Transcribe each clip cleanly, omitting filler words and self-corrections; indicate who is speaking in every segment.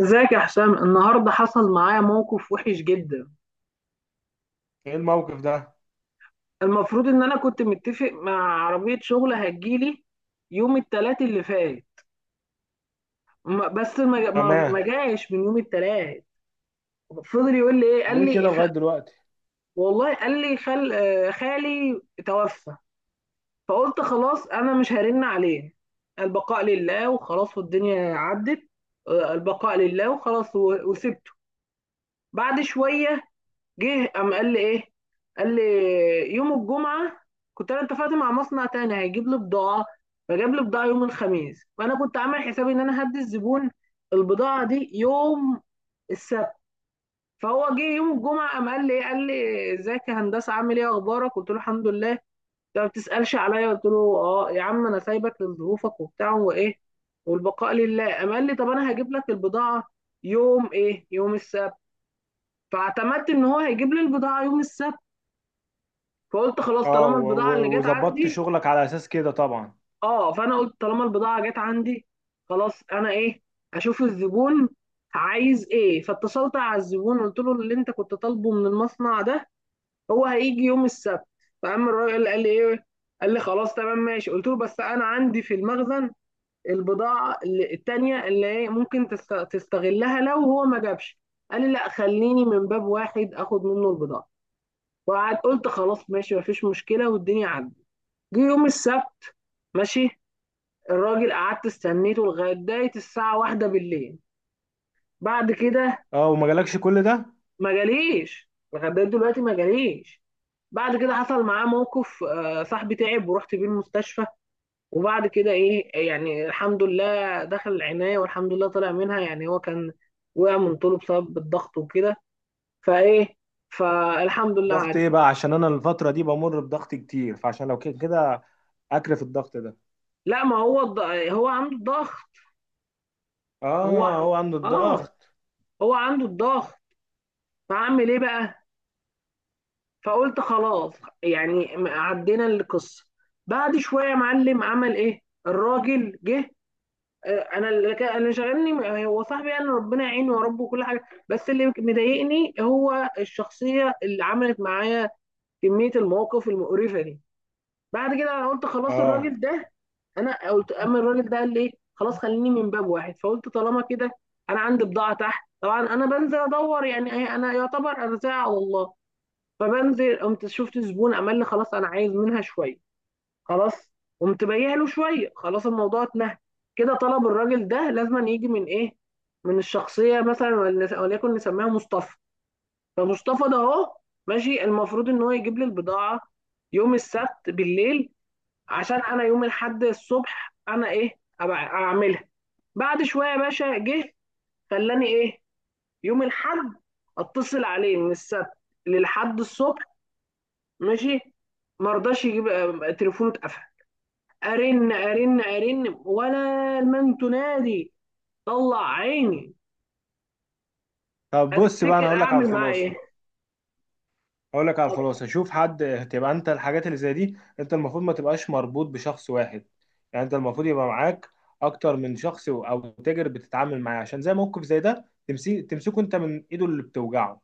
Speaker 1: ازيك يا حسام؟ النهارده حصل معايا موقف وحش جدا.
Speaker 2: ايه الموقف ده؟
Speaker 1: المفروض ان انا كنت متفق مع عربية شغل هتجيلي يوم التلات اللي فات. بس ما
Speaker 2: تمام.
Speaker 1: جاش من يوم التلات. فضل يقول لي ايه، قال
Speaker 2: ليه كده
Speaker 1: لي
Speaker 2: لغاية دلوقتي؟
Speaker 1: والله قال لي خالي توفى. فقلت خلاص انا مش هرن عليه، البقاء لله وخلاص والدنيا عدت. البقاء لله وخلاص و... وسبته. بعد شوية جه قام قال لي ايه؟ قال لي يوم الجمعه كنت انا اتفقت مع مصنع تاني هيجيب لي بضاعه، فجاب لي بضاعه يوم الخميس، فانا كنت عامل حسابي ان انا هدي الزبون البضاعه دي يوم السبت. فهو جه يوم الجمعه قام قال لي إيه؟ قال لي ازيك يا هندسه، عامل ايه اخبارك؟ قلت له الحمد لله، انت ما بتسالش عليا؟ قلت له اه يا عم انا سايبك لظروفك وبتاع وايه والبقاء لله. قام قال لي طب انا هجيب لك البضاعه يوم ايه؟ يوم السبت. فاعتمدت ان هو هيجيب لي البضاعه يوم السبت، فقلت خلاص
Speaker 2: اه
Speaker 1: طالما
Speaker 2: و-
Speaker 1: البضاعة اللي
Speaker 2: و-
Speaker 1: جت
Speaker 2: وظبطت
Speaker 1: عندي.
Speaker 2: شغلك على اساس كده طبعا.
Speaker 1: اه، فانا قلت طالما البضاعة جت عندي خلاص، انا ايه؟ اشوف الزبون عايز ايه؟ فاتصلت على الزبون قلت له اللي انت كنت طالبه من المصنع ده هو هيجي يوم السبت. فقام الراجل قال لي ايه؟ قال لي خلاص تمام ماشي. قلت له بس انا عندي في المخزن البضاعة التانية اللي ايه ممكن تستغلها لو هو ما جابش. قال لي لا، خليني من باب واحد اخد منه البضاعة. وقعد قلت خلاص ماشي، مفيش مشكلة والدنيا عدت. جه يوم السبت، ماشي، الراجل قعدت استنيته لغايه داية الساعه واحدة بالليل. بعد كده
Speaker 2: اه، وما جالكش كل ده؟
Speaker 1: ما جاليش، لغايه داية دلوقتي ما جاليش. بعد كده حصل معاه موقف، صاحبي تعب ورحت بيه المستشفى، وبعد كده ايه يعني، الحمد لله دخل العناية والحمد لله طلع منها. يعني هو كان وقع من طوله بسبب الضغط وكده. فايه، فالحمد لله
Speaker 2: ضغط ايه
Speaker 1: عدى.
Speaker 2: بقى؟ عشان انا الفترة دي بمر بضغط كتير، فعشان لو كده كده اكرف الضغط ده.
Speaker 1: لا، ما هو هو عنده الضغط. هو
Speaker 2: اه، هو عنده
Speaker 1: اه
Speaker 2: الضغط.
Speaker 1: هو عنده الضغط. فعمل ايه بقى؟ فقلت خلاص، يعني عدينا القصه. بعد شويه يا معلم عمل ايه؟ الراجل جه. انا اللي شغلني هو صاحبي، يعني ربنا يعينه يا رب وكل حاجه. بس اللي مضايقني هو الشخصيه اللي عملت معايا، كميه المواقف المقرفه دي. بعد كده انا قلت خلاص
Speaker 2: اه،
Speaker 1: الراجل ده، انا قلت اما الراجل ده قال لي ايه خلاص خليني من باب واحد، فقلت طالما كده انا عندي بضاعه تحت. طبعا انا بنزل ادور، يعني انا يعتبر ارزاع والله. فبنزل قمت شفت زبون عمل لي خلاص انا عايز منها شويه. خلاص، قمت بايع له شويه، خلاص الموضوع اتنهى. كده طلب الراجل ده لازم يجي من ايه؟ من الشخصيه، مثلا وليكن نسميها مصطفى. فمصطفى ده اهو ماشي، المفروض ان هو يجيب لي البضاعه يوم السبت بالليل، عشان انا يوم الاحد الصبح انا ايه أبقى اعملها. بعد شويه يا باشا جه، خلاني ايه؟ يوم الاحد اتصل عليه من السبت للحد الصبح، ماشي. ما رضاش يجيب، تليفونه اتقفل. ارن ارن ارن، ولا المن تنادي، طلع عيني.
Speaker 2: طب بص بقى، انا
Speaker 1: هتفتكر
Speaker 2: هقول لك على
Speaker 1: اعمل معاه ايه؟
Speaker 2: الخلاصة. اقول لك على الخلاصه، شوف حد تبقى انت. الحاجات اللي زي دي انت المفروض ما تبقاش مربوط بشخص واحد. يعني انت المفروض يبقى معاك اكتر من شخص، او تاجر بتتعامل معاه، عشان زي موقف زي ده تمسكه انت من ايده اللي بتوجعه.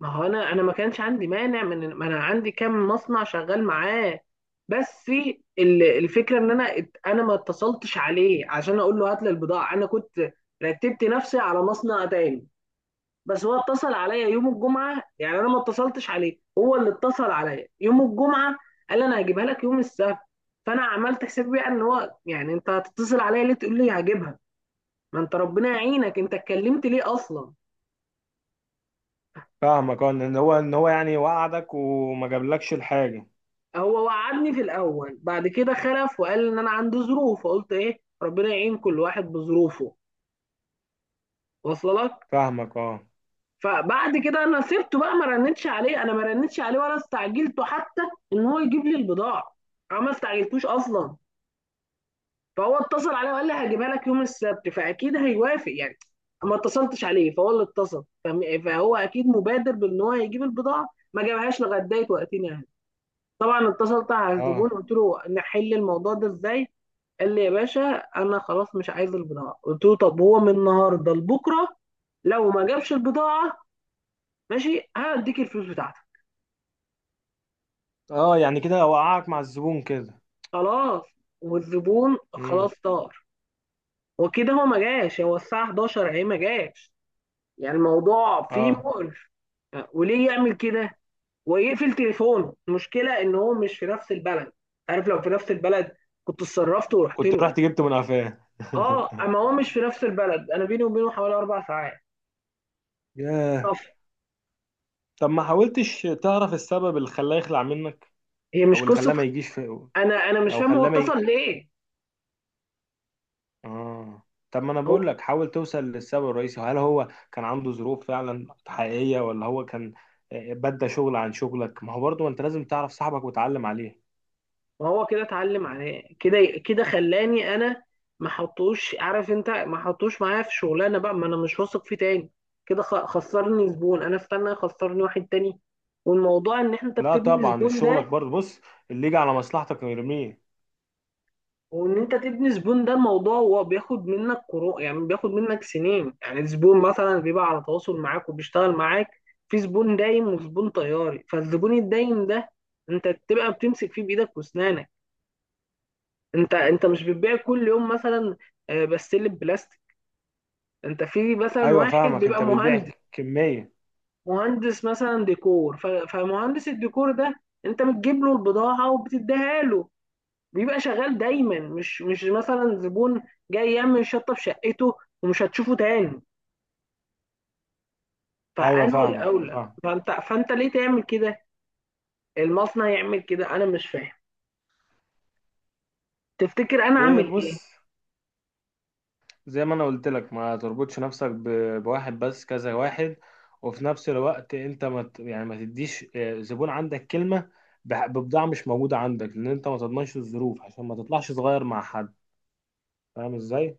Speaker 1: ما هو انا ما كانش عندي مانع، من ما انا عندي كام مصنع شغال معاه. بس الفكره ان انا ما اتصلتش عليه عشان اقول له هات لي البضاعه، انا كنت رتبت نفسي على مصنع تاني. بس هو اتصل عليا يوم الجمعه، يعني انا ما اتصلتش عليه، هو اللي اتصل عليا يوم الجمعه، قال لي انا هجيبها لك يوم السبت. فانا عملت حساب بقى ان هو يعني، انت هتتصل عليا ليه تقول لي هجيبها؟ ما انت ربنا يعينك، انت اتكلمت ليه اصلا؟
Speaker 2: فاهمك. اه، ان هو يعني وقعدك وما جابلكش الحاجه.
Speaker 1: هو وعدني في الاول، بعد كده خلف وقال ان انا عندي ظروف، فقلت ايه ربنا يعين كل واحد بظروفه واصله لك.
Speaker 2: فاهمك. اه
Speaker 1: فبعد كده انا سبته بقى، ما رنتش عليه، انا ما رنتش عليه ولا استعجلته حتى ان هو يجيب لي البضاعه، انا ما استعجلتوش اصلا. فهو اتصل عليه وقال لي هجيبها لك يوم السبت، فاكيد هيوافق يعني، ما اتصلتش عليه، فهو اللي اتصل فهو اكيد مبادر بان هو يجيب البضاعه. ما جابهاش لغايه وقتين يعني. طبعا اتصلت على
Speaker 2: اه
Speaker 1: الزبون قلت له نحل الموضوع ده ازاي؟ قال لي يا باشا انا خلاص مش عايز البضاعه. قلت له طب هو من النهارده لبكره لو ما جابش البضاعه ماشي هديك الفلوس بتاعتك.
Speaker 2: اه، يعني كده وقعك مع الزبون كده.
Speaker 1: خلاص، والزبون
Speaker 2: امم.
Speaker 1: خلاص طار. وكده هو ما جاش، هو الساعه 11 اهي ما جاش. يعني الموضوع فيه
Speaker 2: اه،
Speaker 1: مقرف. وليه يعمل كده ويقفل تليفونه؟ المشكله ان هو مش في نفس البلد، عارف لو في نفس البلد كنت اتصرفت ورحت
Speaker 2: كنت
Speaker 1: له.
Speaker 2: رحت جبته من قفاه
Speaker 1: اه، اما هو مش في نفس البلد، انا بيني وبينه حوالي اربع ساعات.
Speaker 2: ياه.
Speaker 1: طب،
Speaker 2: طب ما حاولتش تعرف السبب اللي خلاه يخلع منك؟
Speaker 1: هي
Speaker 2: او
Speaker 1: مش
Speaker 2: اللي خلاه
Speaker 1: قصه،
Speaker 2: ما يجيش في،
Speaker 1: انا مش
Speaker 2: او
Speaker 1: فاهم هو
Speaker 2: خلاه ما
Speaker 1: اتصل
Speaker 2: ي...
Speaker 1: ليه.
Speaker 2: اه، طب ما انا
Speaker 1: هو
Speaker 2: بقول لك، حاول توصل للسبب الرئيسي. هل هو كان عنده ظروف فعلا حقيقية ولا هو كان بدى شغل عن شغلك؟ ما هو برضه انت لازم تعرف صاحبك وتعلم عليه.
Speaker 1: هو كده اتعلم عليه، كده كده خلاني انا ما حطوش، عارف انت، ما حطوش معايا في شغلانه بقى، ما انا مش واثق فيه تاني. كده خسرني زبون، انا استنى يخسرني واحد تاني؟ والموضوع ان انت
Speaker 2: لا
Speaker 1: بتبني
Speaker 2: طبعا،
Speaker 1: زبون
Speaker 2: شغلك
Speaker 1: ده،
Speaker 2: برضه. بص، اللي يجي على مصلحتك يرميه.
Speaker 1: وان انت تبني زبون ده الموضوع، هو بياخد منك قروء، يعني بياخد منك سنين. يعني زبون مثلا بيبقى على تواصل معاك وبيشتغل معاك، في زبون دايم وزبون طياري. فالزبون الدايم ده انت بتبقى بتمسك فيه بايدك واسنانك. انت مش بتبيع كل يوم مثلا بستله بلاستيك. انت في مثلا
Speaker 2: ايوه
Speaker 1: واحد
Speaker 2: فاهمك،
Speaker 1: بيبقى
Speaker 2: انت بتبيع
Speaker 1: مهندس،
Speaker 2: كمية.
Speaker 1: مهندس مثلا ديكور، فمهندس الديكور ده انت بتجيب له البضاعة وبتديها له، بيبقى شغال دايما، مش مثلا زبون جاي يعمل شطه في شقته ومش هتشوفه تاني.
Speaker 2: ايوه
Speaker 1: فانه
Speaker 2: فاهمك
Speaker 1: الاولى،
Speaker 2: فاهم.
Speaker 1: فانت ليه تعمل كده؟ المصنع يعمل كده انا مش فاهم. تفتكر انا
Speaker 2: إيه،
Speaker 1: اعمل ايه؟
Speaker 2: بص، زي ما انا قلت لك ما تربطش نفسك بواحد بس، كذا واحد. وفي نفس الوقت انت ما ت- يعني ما تديش زبون عندك كلمة ببضاعة مش موجودة عندك، لان انت ما تضمنش الظروف، عشان ما تطلعش صغير مع حد. فاهم ازاي؟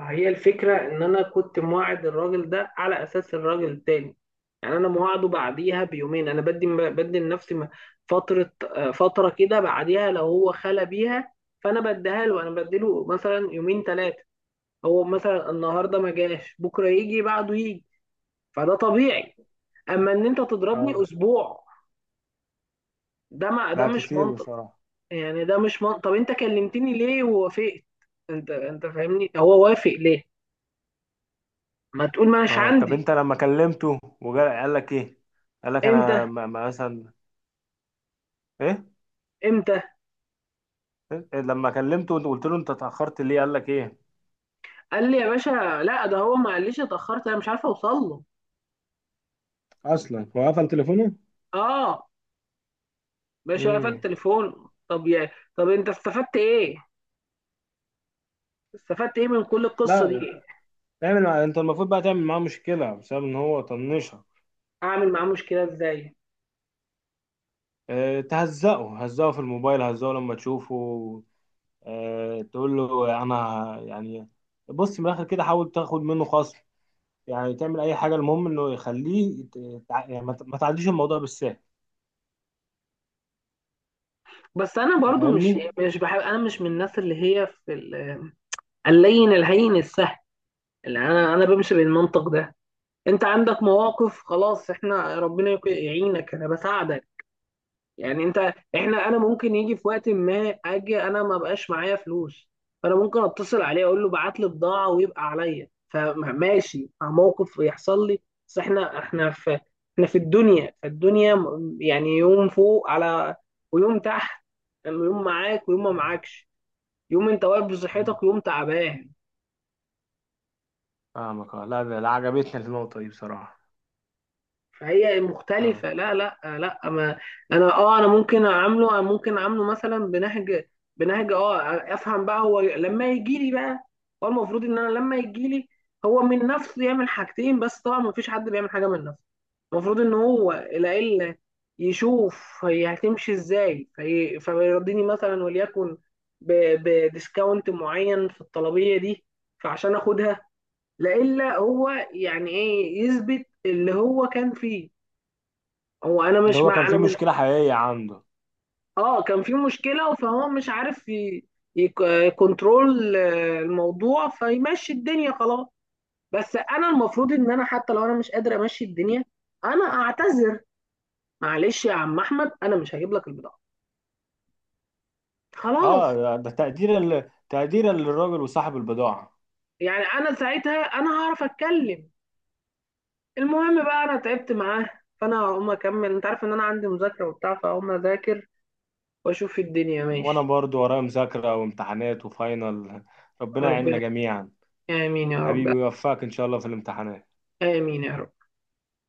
Speaker 1: هي الفكره ان انا كنت مواعد الراجل ده على اساس الراجل التاني، يعني انا مواعده بعديها بيومين، انا بدي لنفسي فتره، فتره كده بعديها لو هو خلى بيها، فانا بديها له، انا بديله مثلا يومين ثلاثه. هو مثلا النهارده ما جاش، بكره يجي، بعده يجي، فده طبيعي. اما ان انت تضربني
Speaker 2: اه،
Speaker 1: اسبوع، ده
Speaker 2: لا،
Speaker 1: مش
Speaker 2: كتير
Speaker 1: منطق.
Speaker 2: بصراحة.
Speaker 1: يعني ده مش منطق، طب انت كلمتني ليه ووافقت؟ انت فاهمني، هو وافق ليه؟ ما تقول ما مش
Speaker 2: اه، طب
Speaker 1: عندي.
Speaker 2: انت لما كلمته وجا قال لك ايه؟ قال لك
Speaker 1: امتى؟
Speaker 2: انا مثلا ايه؟
Speaker 1: امتى؟
Speaker 2: إيه؟ لما كلمته وقلت له انت اتأخرت ليه، قال لك ايه؟
Speaker 1: قال لي يا باشا، لا ده هو ما قاليش اتاخرت، انا مش عارف اوصل له.
Speaker 2: اصلا هو قفل تليفونه.
Speaker 1: اه، باشا قفل
Speaker 2: امم.
Speaker 1: تليفونه. طب انت استفدت ايه؟ استفدت ايه من كل القصه دي؟
Speaker 2: لا. انت المفروض بقى تعمل معاه مشكلة بسبب ان هو طنشها.
Speaker 1: اعمل معاه مشكله ازاي؟
Speaker 2: اه... تهزقه هزقه في الموبايل، هزقه لما تشوفه. اه... تقول له انا يعني. بص، من الاخر كده حاول تاخد منه خصم. يعني تعمل اي حاجة، المهم انه يخليه يعني ما تعديش الموضوع بالسهل.
Speaker 1: بس انا
Speaker 2: أنت
Speaker 1: برضو مش
Speaker 2: فاهمني؟
Speaker 1: مش بحب، انا مش من الناس اللي هي في اللين الهين السهل. اللي انا بمشي بالمنطق ده. انت عندك مواقف، خلاص احنا ربنا يعينك، انا بساعدك يعني انت. احنا، انا ممكن يجي في وقت ما اجي انا ما بقاش معايا فلوس، فانا ممكن اتصل عليه اقول له بعت لي بضاعه ويبقى عليا، فماشي مع موقف يحصل لي. بس احنا في الدنيا، فالدنيا يعني يوم فوق على، ويوم تحت، يوم معاك ويوم ما
Speaker 2: آه.
Speaker 1: معاكش، يوم انت واقف
Speaker 2: مم.
Speaker 1: بصحتك ويوم تعبان.
Speaker 2: فاهمك آه. لا، ده عجبتني النقطة دي بصراحة.
Speaker 1: فهي
Speaker 2: فاهم.
Speaker 1: مختلفة. لا لا لا ما، انا ممكن اعامله، مثلا بنهج، بنهج اه افهم بقى هو لما يجي لي بقى. هو المفروض ان انا لما يجي لي، هو من نفسه يعمل حاجتين، بس طبعا ما فيش حد بيعمل حاجة من نفسه. المفروض ان هو العيلة يشوف هي هتمشي ازاي، فيرضيني مثلا وليكن بديسكاونت معين في الطلبية دي فعشان اخدها. لا الا هو يعني ايه، يثبت اللي هو كان فيه. هو انا
Speaker 2: اللي
Speaker 1: مش
Speaker 2: هو
Speaker 1: مع
Speaker 2: كان
Speaker 1: انا
Speaker 2: في
Speaker 1: مش
Speaker 2: مشكلة حقيقية عنده.
Speaker 1: اه كان في مشكله فهو مش عارف يكنترول الموضوع فيمشي الدنيا خلاص. بس انا المفروض ان انا حتى لو انا مش قادر امشي الدنيا، انا اعتذر. معلش يا عم احمد، انا مش هجيب لك البضاعه خلاص.
Speaker 2: اه، ده تقدير تقدير للراجل وصاحب البضاعة.
Speaker 1: يعني انا ساعتها انا هعرف اتكلم. المهم بقى انا تعبت معاه، فانا هقوم اكمل، انت عارف ان انا عندي مذاكره وبتاع، فهقوم اذاكر واشوف الدنيا
Speaker 2: وانا
Speaker 1: ماشي.
Speaker 2: برضو ورايا مذاكرة وامتحانات وفاينل. ربنا يعيننا
Speaker 1: ربنا،
Speaker 2: جميعا.
Speaker 1: امين يا
Speaker 2: حبيبي،
Speaker 1: رب،
Speaker 2: ويوفقك ان شاء الله في الامتحانات.
Speaker 1: امين يا رب.